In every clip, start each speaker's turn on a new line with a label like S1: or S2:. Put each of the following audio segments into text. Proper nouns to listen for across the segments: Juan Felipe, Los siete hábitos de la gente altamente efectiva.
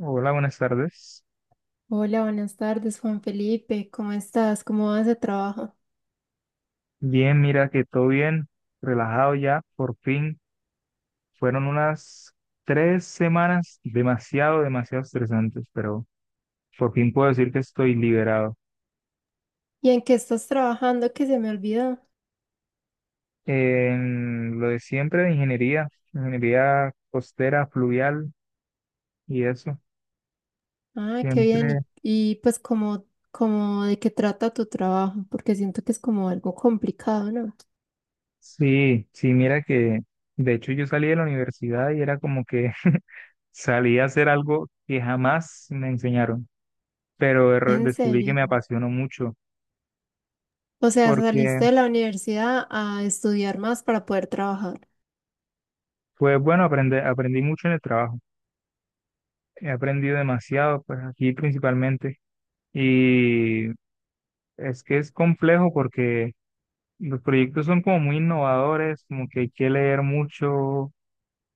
S1: Hola, buenas tardes.
S2: Hola, buenas tardes, Juan Felipe. ¿Cómo estás? ¿Cómo vas de trabajo?
S1: Bien, mira que todo bien, relajado ya, por fin. Fueron unas tres semanas demasiado, demasiado estresantes, pero por fin puedo decir que estoy liberado.
S2: ¿Y en qué estás trabajando que se me olvidó?
S1: En lo de siempre de ingeniería, ingeniería costera, fluvial y eso,
S2: Ah, qué bien.
S1: siempre.
S2: Pues como, como de qué trata tu trabajo, porque siento que es como algo complicado, ¿no?
S1: Sí, sí, mira que de hecho yo salí de la universidad y era como que salí a hacer algo que jamás me enseñaron, pero
S2: En
S1: descubrí que
S2: serio.
S1: me apasionó mucho
S2: O sea,
S1: porque
S2: saliste de la universidad a estudiar más para poder trabajar.
S1: fue bueno aprender, aprendí mucho en el trabajo, he aprendido demasiado, pues aquí principalmente, y es que es complejo porque los proyectos son como muy innovadores, como que hay que leer mucho,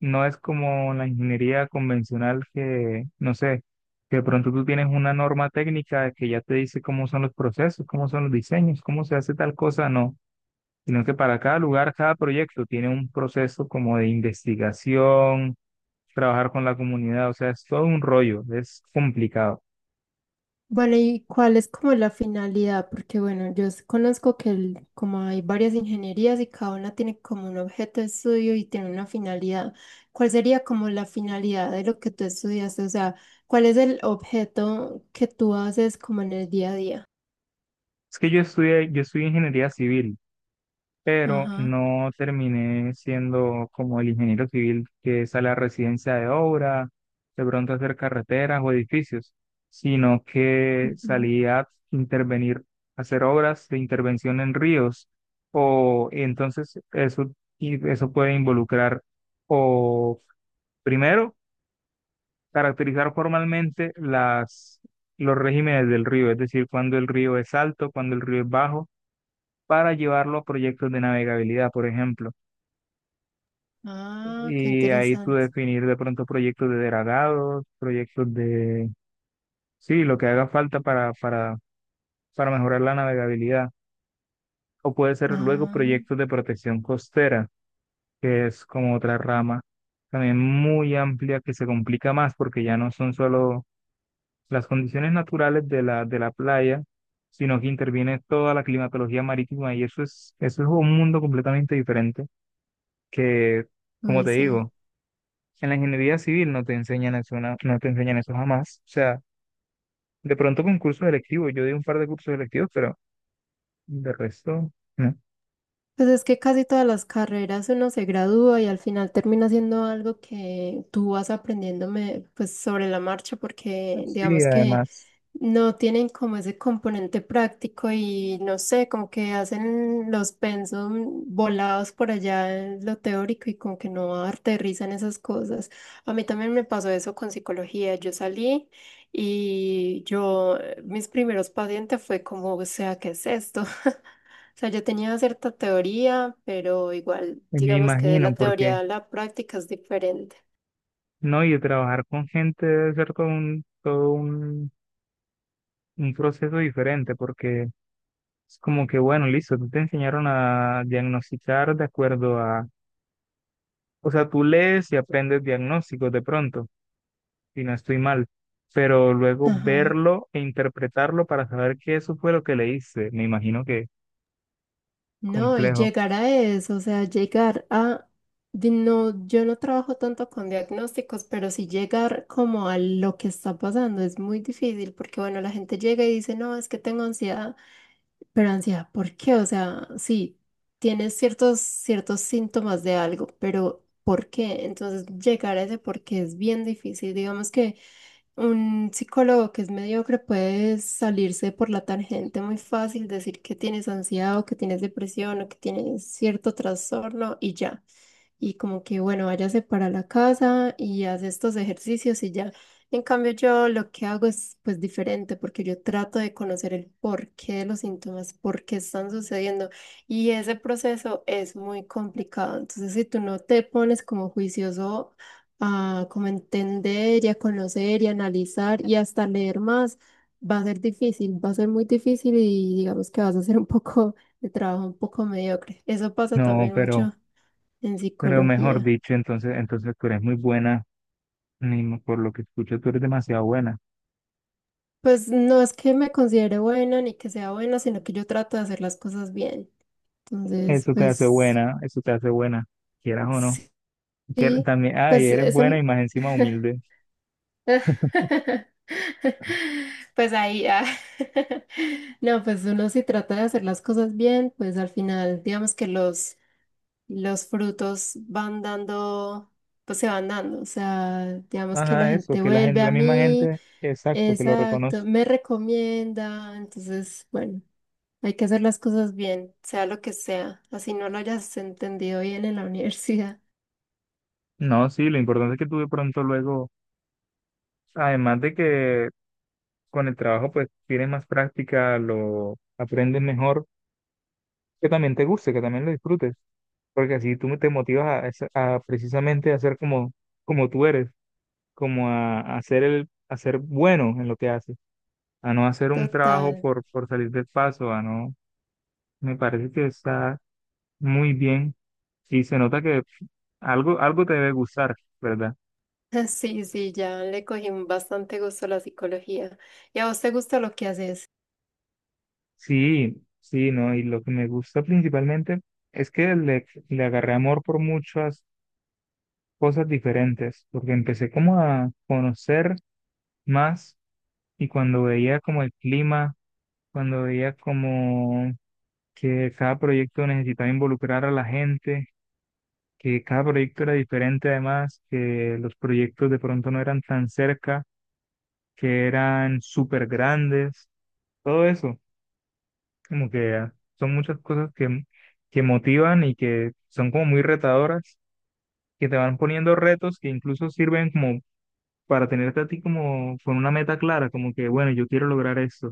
S1: no es como la ingeniería convencional que, no sé, que de pronto tú tienes una norma técnica que ya te dice cómo son los procesos, cómo son los diseños, cómo se hace tal cosa, no, sino que para cada lugar, cada proyecto tiene un proceso como de investigación, trabajar con la comunidad, o sea, es todo un rollo, es complicado.
S2: Vale, ¿y cuál es como la finalidad? Porque bueno, conozco que como hay varias ingenierías y cada una tiene como un objeto de estudio y tiene una finalidad. ¿Cuál sería como la finalidad de lo que tú estudiaste? O sea, ¿cuál es el objeto que tú haces como en el día a día?
S1: Es que yo estudié ingeniería civil pero
S2: Ajá.
S1: no terminé siendo como el ingeniero civil que sale a residencia de obra, de pronto a hacer carreteras o edificios, sino que
S2: Ujú.
S1: salí a intervenir, a hacer obras de intervención en ríos, o entonces eso, y eso puede involucrar o primero caracterizar formalmente los regímenes del río, es decir, cuando el río es alto, cuando el río es bajo, para llevarlo a proyectos de navegabilidad, por ejemplo.
S2: Ah, qué
S1: Y ahí tú
S2: interesante.
S1: definir de pronto proyectos de dragados, proyectos de, sí, lo que haga falta para, para mejorar la navegabilidad. O puede ser luego
S2: Ah,
S1: proyectos de protección costera, que es como otra rama también muy amplia que se complica más porque ya no son solo las condiciones naturales de la playa, sino que interviene toda la climatología marítima y eso es un mundo completamente diferente que, como
S2: uy,
S1: te
S2: sí.
S1: digo, en la ingeniería civil no te enseñan eso, no, no te enseñan eso jamás. O sea, de pronto con cursos electivos, yo di un par de cursos electivos, pero de resto, no.
S2: Pues es que casi todas las carreras uno se gradúa y al final termina siendo algo que tú vas aprendiéndome pues sobre la marcha porque
S1: Sí,
S2: digamos que
S1: además,
S2: no tienen como ese componente práctico y no sé, como que hacen los pensum volados por allá en lo teórico y como que no aterrizan esas cosas. A mí también me pasó eso con psicología. Yo salí y yo, mis primeros pacientes fue como, o sea, ¿qué es esto? O sea, yo tenía cierta teoría, pero igual,
S1: me
S2: digamos que de
S1: imagino,
S2: la
S1: porque
S2: teoría a la práctica es diferente.
S1: no, y trabajar con gente debe ser todo un proceso diferente, porque es como que, bueno, listo, tú te enseñaron a diagnosticar de acuerdo a, o sea, tú lees y aprendes diagnósticos de pronto si no estoy mal, pero luego
S2: Ajá.
S1: verlo e interpretarlo para saber que eso fue lo que leíste. Me imagino que
S2: No, y
S1: complejo.
S2: llegar a eso, o sea, llegar a... No, yo no trabajo tanto con diagnósticos, pero sí llegar como a lo que está pasando es muy difícil porque, bueno, la gente llega y dice, no, es que tengo ansiedad, pero ansiedad, ¿por qué? O sea, sí, tienes ciertos síntomas de algo, pero ¿por qué? Entonces, llegar a ese por qué es bien difícil. Digamos que... Un psicólogo que es mediocre puede salirse por la tangente muy fácil, decir que tienes ansiedad o que tienes depresión o que tienes cierto trastorno y ya y como que, bueno, váyase para la casa y hace estos ejercicios y ya. En cambio, yo lo que hago es pues diferente porque yo trato de conocer el porqué de los síntomas, por qué están sucediendo y ese proceso es muy complicado. Entonces, si tú no te pones como juicioso a como entender y a conocer y analizar y hasta leer más, va a ser difícil, va a ser muy difícil y digamos que vas a hacer un poco de trabajo un poco mediocre. Eso pasa
S1: No,
S2: también
S1: pero,
S2: mucho en
S1: pero mejor
S2: psicología.
S1: dicho, entonces tú eres muy buena, Nimo, por lo que escucho, tú eres demasiado buena.
S2: Pues no es que me considere buena ni que sea buena, sino que yo trato de hacer las cosas bien. Entonces,
S1: Eso te hace
S2: pues,
S1: buena, eso te hace buena, quieras o no.
S2: sí,
S1: También, ah, y
S2: pues
S1: eres
S2: eso.
S1: buena y más encima humilde.
S2: Pues ahí, ah. No, pues uno si trata de hacer las cosas bien, pues al final, digamos que los frutos van dando, pues se van dando. O sea, digamos que la
S1: Ajá, eso,
S2: gente
S1: que la
S2: vuelve
S1: gente,
S2: a
S1: la misma
S2: mí,
S1: gente, exacto, que lo
S2: exacto,
S1: reconoce.
S2: me recomienda. Entonces, bueno. Hay que hacer las cosas bien, sea lo que sea, así no lo hayas entendido bien en la universidad.
S1: No, sí, lo importante es que tú de pronto luego, además de que con el trabajo pues tienes más práctica, lo aprendes mejor, que también te guste, que también lo disfrutes, porque así tú te motivas a, a precisamente a ser como, como tú eres, como a ser bueno en lo que haces, a no hacer un trabajo
S2: Total.
S1: por salir del paso, a no, me parece que está muy bien y se nota que algo, algo te debe gustar, ¿verdad?
S2: Sí, sí, ya le cogí un bastante gusto a la psicología. ¿Y a vos te gusta lo que haces?
S1: Sí, sí, ¿no? Y lo que me gusta principalmente es que le agarré amor por muchas cosas diferentes, porque empecé como a conocer más y cuando veía como el clima, cuando veía como que cada proyecto necesitaba involucrar a la gente, que cada proyecto era diferente además, que los proyectos de pronto no eran tan cerca, que eran súper grandes, todo eso, como que ah, son muchas cosas que motivan y que son como muy retadoras, que te van poniendo retos que incluso sirven como para tenerte a ti como con una meta clara, como que, bueno, yo quiero lograr esto.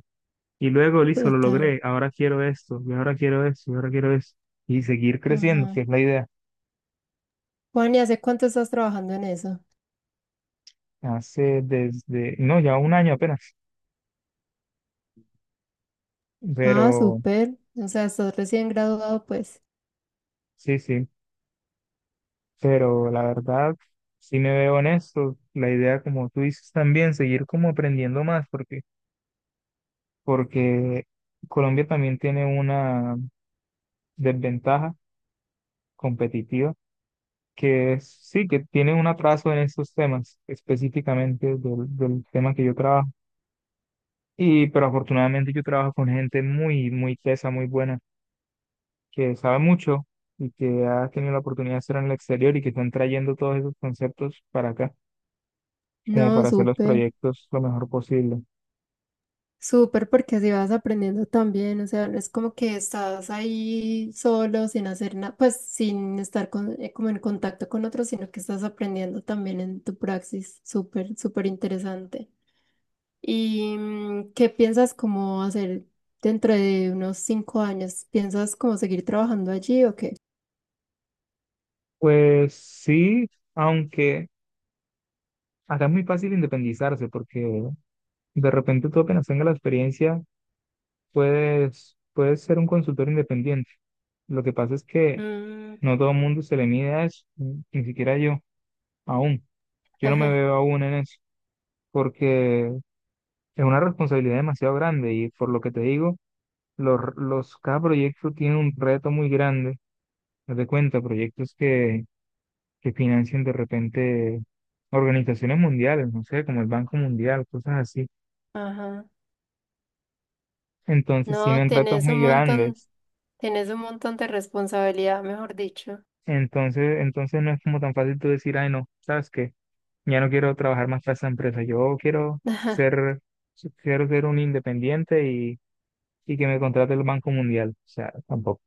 S1: Y luego, listo, lo
S2: Total.
S1: logré, ahora quiero esto, y ahora quiero esto, y ahora quiero esto. Y seguir creciendo, que
S2: Ajá.
S1: es la idea.
S2: Juan, ¿y hace cuánto estás trabajando en eso?
S1: Hace desde, no, ya un año apenas,
S2: Ah,
S1: pero
S2: súper. O sea, estás recién graduado, pues.
S1: sí, sí, pero la verdad, sí me veo en esto. La idea, como tú dices también, seguir como aprendiendo más, porque Colombia también tiene una desventaja competitiva sí, que tienen un atraso en estos temas, específicamente del tema que yo trabajo. Pero afortunadamente yo trabajo con gente muy, muy tesa, muy buena, que sabe mucho y que ha tenido la oportunidad de estar en el exterior y que están trayendo todos esos conceptos para acá, como
S2: No,
S1: para hacer los
S2: súper.
S1: proyectos lo mejor posible.
S2: Súper, porque así vas aprendiendo también, o sea, no es como que estás ahí solo, sin hacer nada, pues sin estar como en contacto con otros, sino que estás aprendiendo también en tu praxis, súper, súper interesante. ¿Y qué piensas como hacer dentro de unos 5 años? ¿Piensas como seguir trabajando allí o qué?
S1: Pues sí, aunque acá es muy fácil independizarse, porque de repente tú apenas tengas la experiencia, puedes ser un consultor independiente. Lo que pasa es que
S2: Mm.
S1: no todo el mundo se le mide a eso, ni siquiera yo, aún. Yo no me
S2: Ajá.
S1: veo aún en eso, porque es una responsabilidad demasiado grande y por lo que te digo, cada proyecto tiene un reto muy grande. Haz de cuenta, proyectos que financian de repente organizaciones mundiales, no sé, como el Banco Mundial, cosas así. Entonces
S2: No,
S1: tienen retos muy grandes.
S2: tenés un montón de responsabilidad, mejor dicho.
S1: Entonces no es como tan fácil tú decir, ay, no, ¿sabes qué? Ya no quiero trabajar más para esa empresa. Yo quiero ser, quiero ser un independiente y que me contrate el Banco Mundial. O sea, tampoco.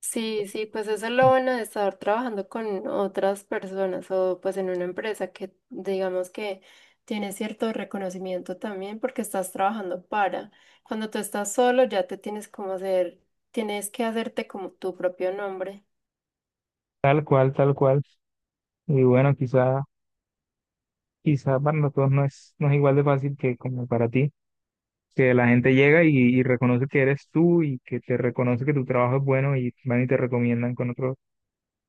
S2: Sí, sí, pues eso lo van a estar trabajando con otras personas o pues en una empresa que digamos que tiene cierto reconocimiento también porque estás trabajando para. Cuando tú estás solo ya te tienes como hacer, tienes que hacerte como tu propio nombre.
S1: Tal cual, tal cual. Y bueno, quizá para nosotros no es igual de fácil que como para ti, que la gente llega y reconoce que eres tú y que te reconoce que tu trabajo es bueno y van y te recomiendan con otros,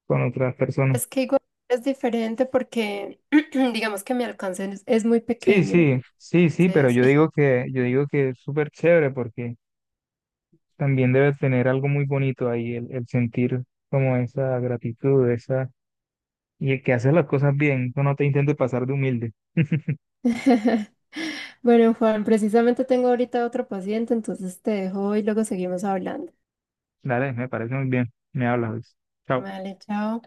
S1: con otras personas.
S2: Es que igual es diferente porque digamos que mi alcance es muy
S1: Sí,
S2: pequeño.
S1: sí, sí, sí,
S2: Sí,
S1: pero yo
S2: sí.
S1: digo que, yo digo que es súper chévere porque también debe tener algo muy bonito ahí, el sentir como esa gratitud, esa, y el que haces las cosas bien, tú no te intentes pasar de humilde.
S2: Bueno, Juan, precisamente tengo ahorita otro paciente, entonces te dejo y luego seguimos hablando.
S1: Dale, me parece muy bien. Me hablas, Luis. Chao.
S2: Vale, chao.